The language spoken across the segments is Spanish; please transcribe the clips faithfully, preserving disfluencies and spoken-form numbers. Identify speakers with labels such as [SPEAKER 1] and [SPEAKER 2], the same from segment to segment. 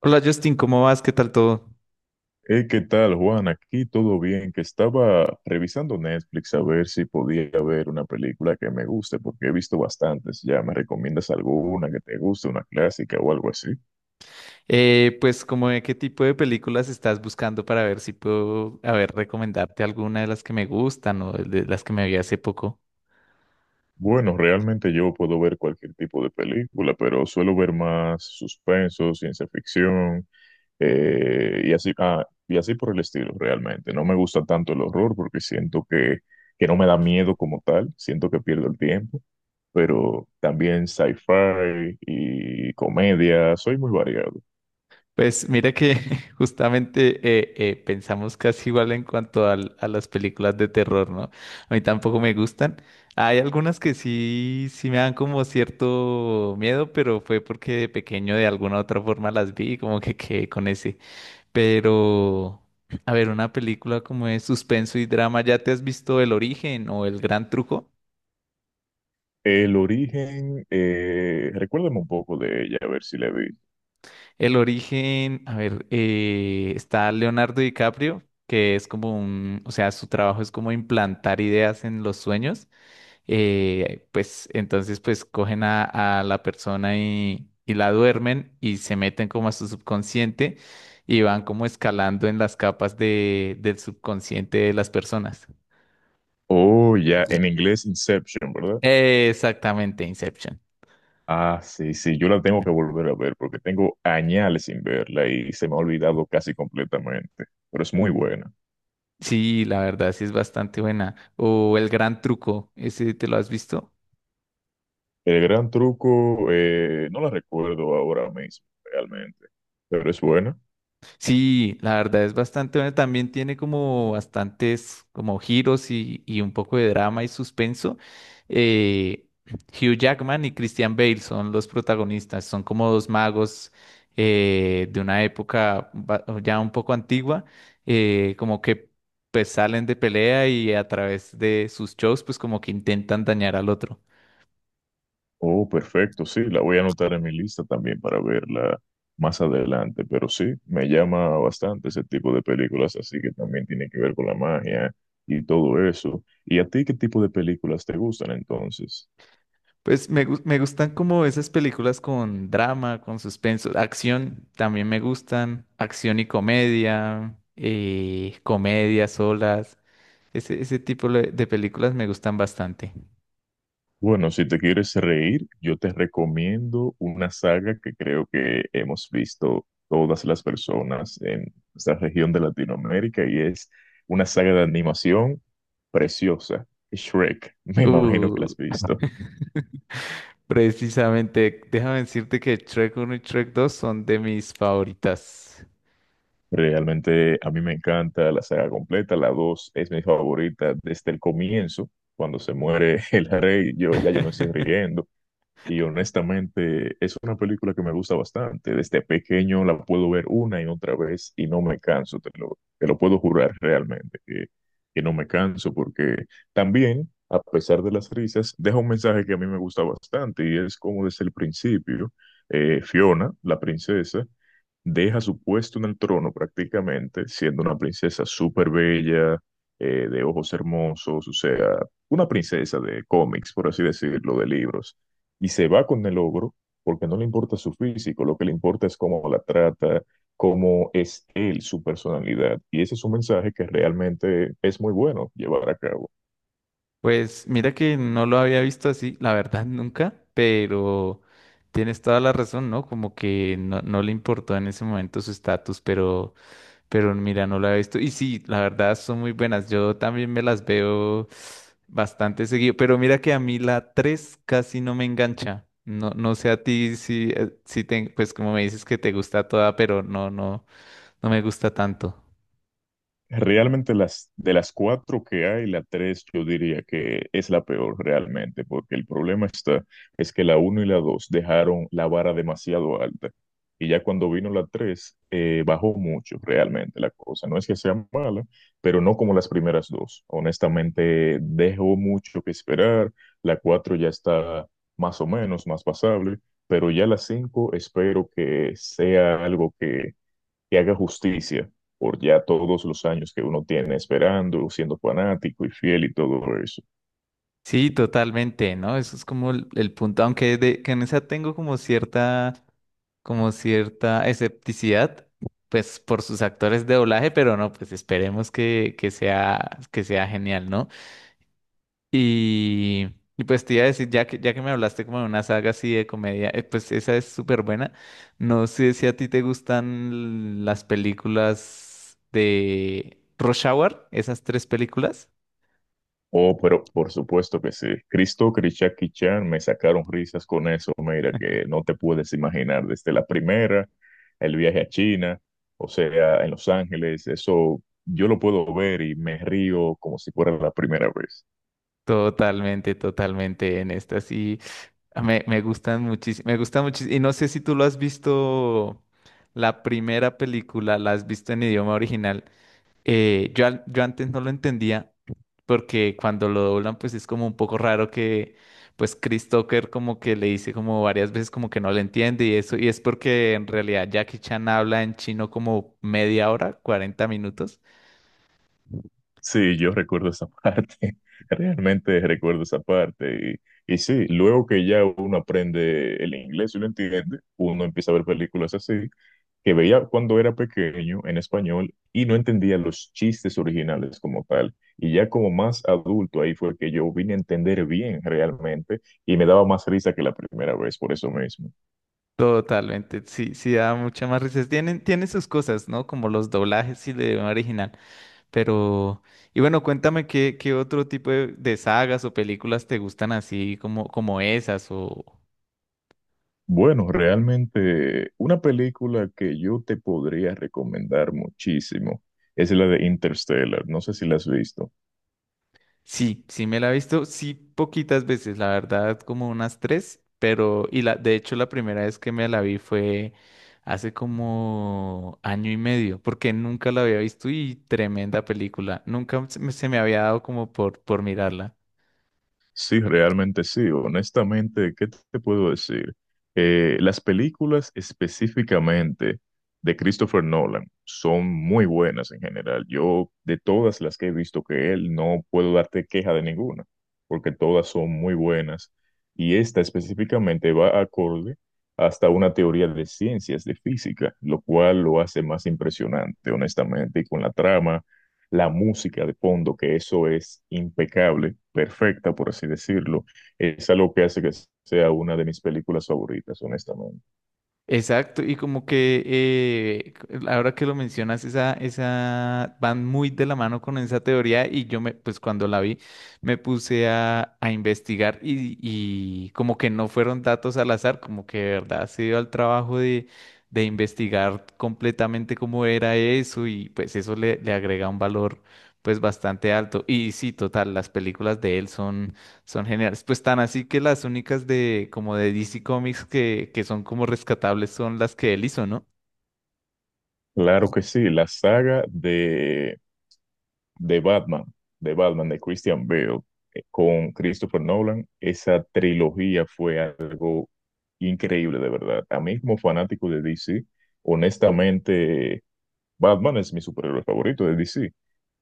[SPEAKER 1] Hola Justin, ¿cómo vas? ¿Qué tal todo?
[SPEAKER 2] Hey, ¿qué tal, Juan? Aquí todo bien, que estaba revisando Netflix a ver si podía ver una película que me guste, porque he visto bastantes ya. ¿Me recomiendas alguna que te guste, una clásica o algo así?
[SPEAKER 1] Eh, pues como de qué tipo de películas estás buscando para ver si puedo, a ver, recomendarte alguna de las que me gustan o de las que me vi hace poco.
[SPEAKER 2] Bueno, realmente yo puedo ver cualquier tipo de película, pero suelo ver más suspenso, ciencia ficción. eh, y así, ah, y así por el estilo, realmente. No me gusta tanto el horror porque siento que, que no me da miedo como tal, siento que pierdo el tiempo, pero también sci-fi y comedia, soy muy variado.
[SPEAKER 1] Pues mira que justamente eh, eh, pensamos casi igual en cuanto al- a las películas de terror, ¿no? A mí tampoco me gustan. Hay algunas que sí, sí me dan como cierto miedo, pero fue porque de pequeño de alguna u otra forma las vi y como que quedé con ese. Pero, a ver, una película como de suspenso y drama, ¿ya te has visto El Origen o El Gran Truco?
[SPEAKER 2] El Origen, eh, recuérdame un poco de ella, a ver si la vi.
[SPEAKER 1] El Origen, a ver, eh, está Leonardo DiCaprio, que es como un, o sea, su trabajo es como implantar ideas en los sueños. Eh, pues entonces, pues cogen a, a la persona y, y la duermen y se meten como a su subconsciente y van como escalando en las capas de, del subconsciente de las personas.
[SPEAKER 2] Oh, ya, en inglés Inception, ¿verdad?
[SPEAKER 1] Eh, exactamente, Inception.
[SPEAKER 2] Ah, sí, sí, yo la tengo que volver a ver porque tengo añales sin verla y se me ha olvidado casi completamente, pero es muy buena.
[SPEAKER 1] Sí, la verdad sí es bastante buena. O El Gran Truco, ¿ese te lo has visto?
[SPEAKER 2] El Gran Truco, eh, no la recuerdo ahora mismo, realmente, pero es buena.
[SPEAKER 1] Sí, la verdad es bastante buena. También tiene como bastantes como giros y, y un poco de drama y suspenso. Eh, Hugh Jackman y Christian Bale son los protagonistas. Son como dos magos eh, de una época ba- ya un poco antigua, eh, como que pues salen de pelea y a través de sus shows pues como que intentan dañar al otro.
[SPEAKER 2] Oh, perfecto, sí, la voy a anotar en mi lista también para verla más adelante, pero sí, me llama bastante ese tipo de películas, así que también tiene que ver con la magia y todo eso. ¿Y a ti qué tipo de películas te gustan entonces?
[SPEAKER 1] Pues me, gus- me gustan como esas películas con drama, con suspenso, acción, también me gustan, acción y comedia, eh, comedia solas, ese, ese tipo de de películas me gustan bastante.
[SPEAKER 2] Bueno, si te quieres reír, yo te recomiendo una saga que creo que hemos visto todas las personas en esta región de Latinoamérica y es una saga de animación preciosa, Shrek. Me imagino que
[SPEAKER 1] Uh,
[SPEAKER 2] la has visto.
[SPEAKER 1] precisamente, déjame decirte que Shrek uno y Shrek dos son de mis favoritas.
[SPEAKER 2] Realmente a mí me encanta la saga completa, la dos es mi favorita desde el comienzo, cuando se muere el rey, yo ya yo me estoy riendo. Y honestamente, es una película que me gusta bastante. Desde pequeño la puedo ver una y otra vez y no me canso, te lo, te lo puedo jurar realmente, que, que no me canso, porque también, a pesar de las risas, deja un mensaje que a mí me gusta bastante y es como desde el principio, eh, Fiona, la princesa, deja su puesto en el trono prácticamente, siendo una princesa súper bella, eh, de ojos hermosos, o sea, una princesa de cómics, por así decirlo, de libros, y se va con el ogro porque no le importa su físico, lo que le importa es cómo la trata, cómo es él, su personalidad, y ese es un mensaje que realmente es muy bueno llevar a cabo.
[SPEAKER 1] Pues mira que no lo había visto así, la verdad nunca, pero tienes toda la razón, ¿no? Como que no, no le importó en ese momento su estatus, pero, pero mira, no lo había visto. Y sí, la verdad son muy buenas. Yo también me las veo bastante seguido, pero mira que a mí la tres casi no me engancha. No, no sé a ti si, eh, si te, pues como me dices que te gusta toda, pero no, no, no me gusta tanto.
[SPEAKER 2] Realmente las de las cuatro que hay, la tres yo diría que es la peor realmente, porque el problema está es que la uno y la dos dejaron la vara demasiado alta y ya cuando vino la tres eh, bajó mucho realmente la cosa. No es que sea mala, pero no como las primeras dos. Honestamente dejó mucho que esperar. La cuatro ya está más o menos más pasable, pero ya la cinco espero que sea algo que que haga justicia por ya todos los años que uno tiene esperando, siendo fanático y fiel y todo eso.
[SPEAKER 1] Sí, totalmente, ¿no? Eso es como el, el punto, aunque de, que en esa tengo como cierta, como cierta escepticidad, pues por sus actores de doblaje, pero no, pues esperemos que, que sea, que sea genial, ¿no? Y, y pues te iba a decir, ya que, ya que me hablaste como de una saga así de comedia, eh, pues esa es súper buena. No sé si a ti te gustan las películas de Rush Hour, esas tres películas.
[SPEAKER 2] Oh, pero por supuesto que sí. Cristo, Krishaki Chan, me sacaron risas con eso, mira, que no te puedes imaginar desde la primera, el viaje a China, o sea, en Los Ángeles, eso yo lo puedo ver y me río como si fuera la primera vez.
[SPEAKER 1] Totalmente, totalmente en estas. Me, me gustan muchísimo, me gustan muchísimo. Y no sé si tú lo has visto, la primera película, la has visto en idioma original. Eh, yo, al- yo antes no lo entendía, porque cuando lo doblan, pues es como un poco raro que, pues Chris Tucker como que le dice como varias veces como que no le entiende y eso, y es porque en realidad Jackie Chan habla en chino como media hora, cuarenta minutos.
[SPEAKER 2] Sí, yo recuerdo esa parte, realmente recuerdo esa parte. Y, y sí, luego que ya uno aprende el inglés y lo entiende, uno empieza a ver películas así, que veía cuando era pequeño en español y no entendía los chistes originales como tal. Y ya como más adulto, ahí fue que yo vine a entender bien realmente y me daba más risa que la primera vez, por eso mismo.
[SPEAKER 1] Totalmente, sí, sí da mucha más risa. Tienen, tienen sus cosas, ¿no? Como los doblajes y el idioma original. Pero, y bueno, cuéntame qué, qué otro tipo de, de sagas o películas te gustan así como, como esas o...
[SPEAKER 2] Bueno, realmente una película que yo te podría recomendar muchísimo es la de Interstellar. No sé si la has visto.
[SPEAKER 1] Sí, sí me la he visto, sí poquitas veces, la verdad, como unas tres, pero, y la, de hecho la primera vez que me la vi fue hace como año y medio, porque nunca la había visto y tremenda película, nunca se me se me había dado como por, por mirarla.
[SPEAKER 2] Sí, realmente sí. Honestamente, ¿qué te puedo decir? Eh, las películas específicamente de Christopher Nolan son muy buenas en general. Yo, de todas las que he visto que él, no puedo darte queja de ninguna, porque todas son muy buenas. Y esta específicamente va acorde hasta una teoría de ciencias, de física, lo cual lo hace más impresionante, honestamente, y con la trama la música de fondo, que eso es impecable, perfecta, por así decirlo, es algo que hace que sea una de mis películas favoritas, honestamente.
[SPEAKER 1] Exacto, y como que eh, c- ahora que lo mencionas, esa, esa van muy de la mano con esa teoría y yo me, pues cuando la vi, me puse a, a investigar y, y como que no fueron datos al azar, como que de verdad se dio al trabajo de, de investigar completamente cómo era eso y pues eso le, le agrega un valor pues bastante alto. Y sí, total, las películas de él son son geniales. Pues tan así que las únicas de como de D C Comics que, que son como rescatables son las que él hizo, ¿no?
[SPEAKER 2] Claro que sí, la saga de, de Batman, de Batman, de Christian Bale, eh, con Christopher Nolan, esa trilogía fue algo increíble, de verdad. A mí como fanático de D C, honestamente Batman es mi superhéroe favorito de D C.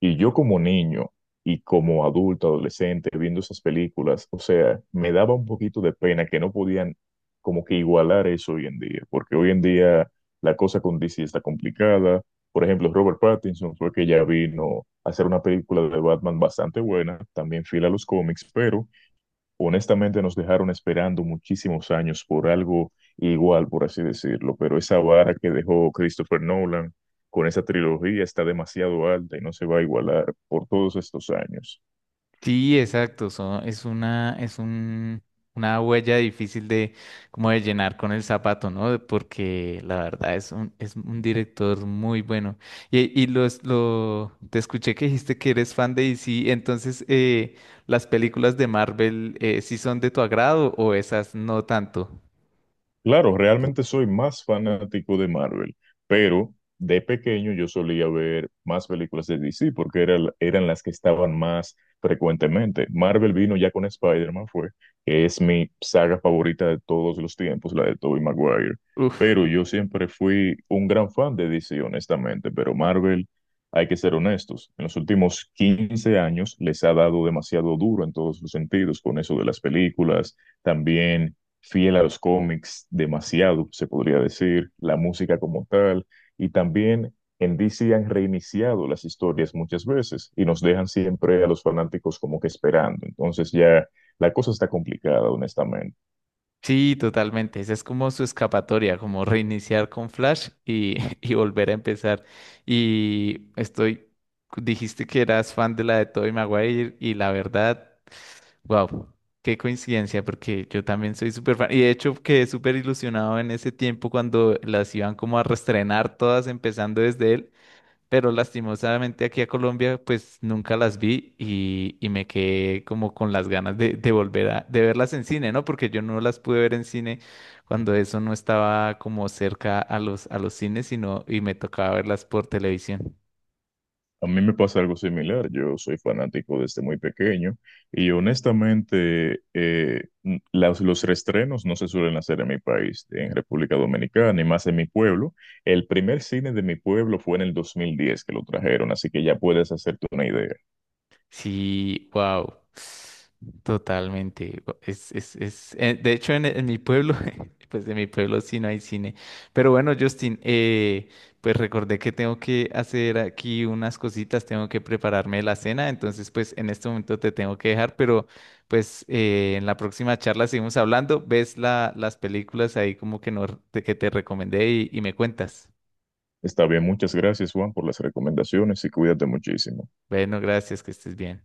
[SPEAKER 2] Y yo como niño y como adulto, adolescente, viendo esas películas, o sea, me daba un poquito de pena que no podían como que igualar eso hoy en día, porque hoy en día la cosa con D C está complicada. Por ejemplo, Robert Pattinson fue que ya vino a hacer una película de Batman bastante buena, también fiel a los cómics, pero honestamente nos dejaron esperando muchísimos años por algo igual, por así decirlo, pero esa vara que dejó Christopher Nolan con esa trilogía está demasiado alta y no se va a igualar por todos estos años.
[SPEAKER 1] Sí, exacto. Son, es una, es un, una huella difícil de como de llenar con el zapato, ¿no? Porque la verdad es un, es un director muy bueno. Y, y los, lo, te escuché que dijiste que eres fan de D C, entonces eh, ¿las películas de Marvel eh, sí son de tu agrado o esas no tanto?
[SPEAKER 2] Claro, realmente soy más fanático de Marvel, pero de pequeño yo solía ver más películas de D C porque era- eran las que estaban más frecuentemente. Marvel vino ya con Spider-Man, fue, que es mi saga favorita de todos los tiempos, la de Tobey Maguire.
[SPEAKER 1] Uf.
[SPEAKER 2] Pero yo siempre fui un gran fan de D C, honestamente, pero Marvel, hay que ser honestos, en los últimos quince años les ha dado demasiado duro en todos los sentidos con eso de las películas, también fiel a los cómics, demasiado, se podría decir, la música como tal, y también en D C han reiniciado las historias muchas veces y nos dejan siempre a los fanáticos como que esperando. Entonces ya la cosa está complicada, honestamente.
[SPEAKER 1] Sí, totalmente. Esa es como su escapatoria, como reiniciar con Flash y, y volver a empezar. Y estoy, dijiste que eras fan de la de Tobey Maguire y la verdad, wow, qué coincidencia, porque yo también soy súper fan. Y de hecho quedé súper ilusionado en ese tiempo cuando las iban como a reestrenar todas, empezando desde él, pero lastimosamente aquí a Colombia pues nunca las vi y, y me quedé como con las ganas de, de volver a de verlas en cine, ¿no? Porque yo no las pude ver en cine cuando eso no estaba como cerca a los, a los cines, sino y me tocaba verlas por televisión.
[SPEAKER 2] A mí me pasa algo similar. Yo soy fanático desde muy pequeño y honestamente eh, n- las- los reestrenos no se suelen hacer en mi país, en República Dominicana y más en mi pueblo. El primer cine de mi pueblo fue en el dos mil diez que lo trajeron, así que ya puedes hacerte una idea.
[SPEAKER 1] Sí, wow. Totalmente. Gu- Es, es, es, eh, de hecho, en, en mi pueblo, pues de mi pueblo sí no hay cine. Pero bueno, Justin, eh, pues recordé que tengo que hacer aquí unas cositas, tengo que prepararme la cena, entonces pues en este momento te tengo que dejar, pero pues eh, en la próxima charla seguimos hablando, ves la, las películas ahí como que, no, que te recomendé y y me cuentas.
[SPEAKER 2] Está bien, muchas gracias Juan por las recomendaciones y cuídate muchísimo.
[SPEAKER 1] Bueno, gracias, que estés bien.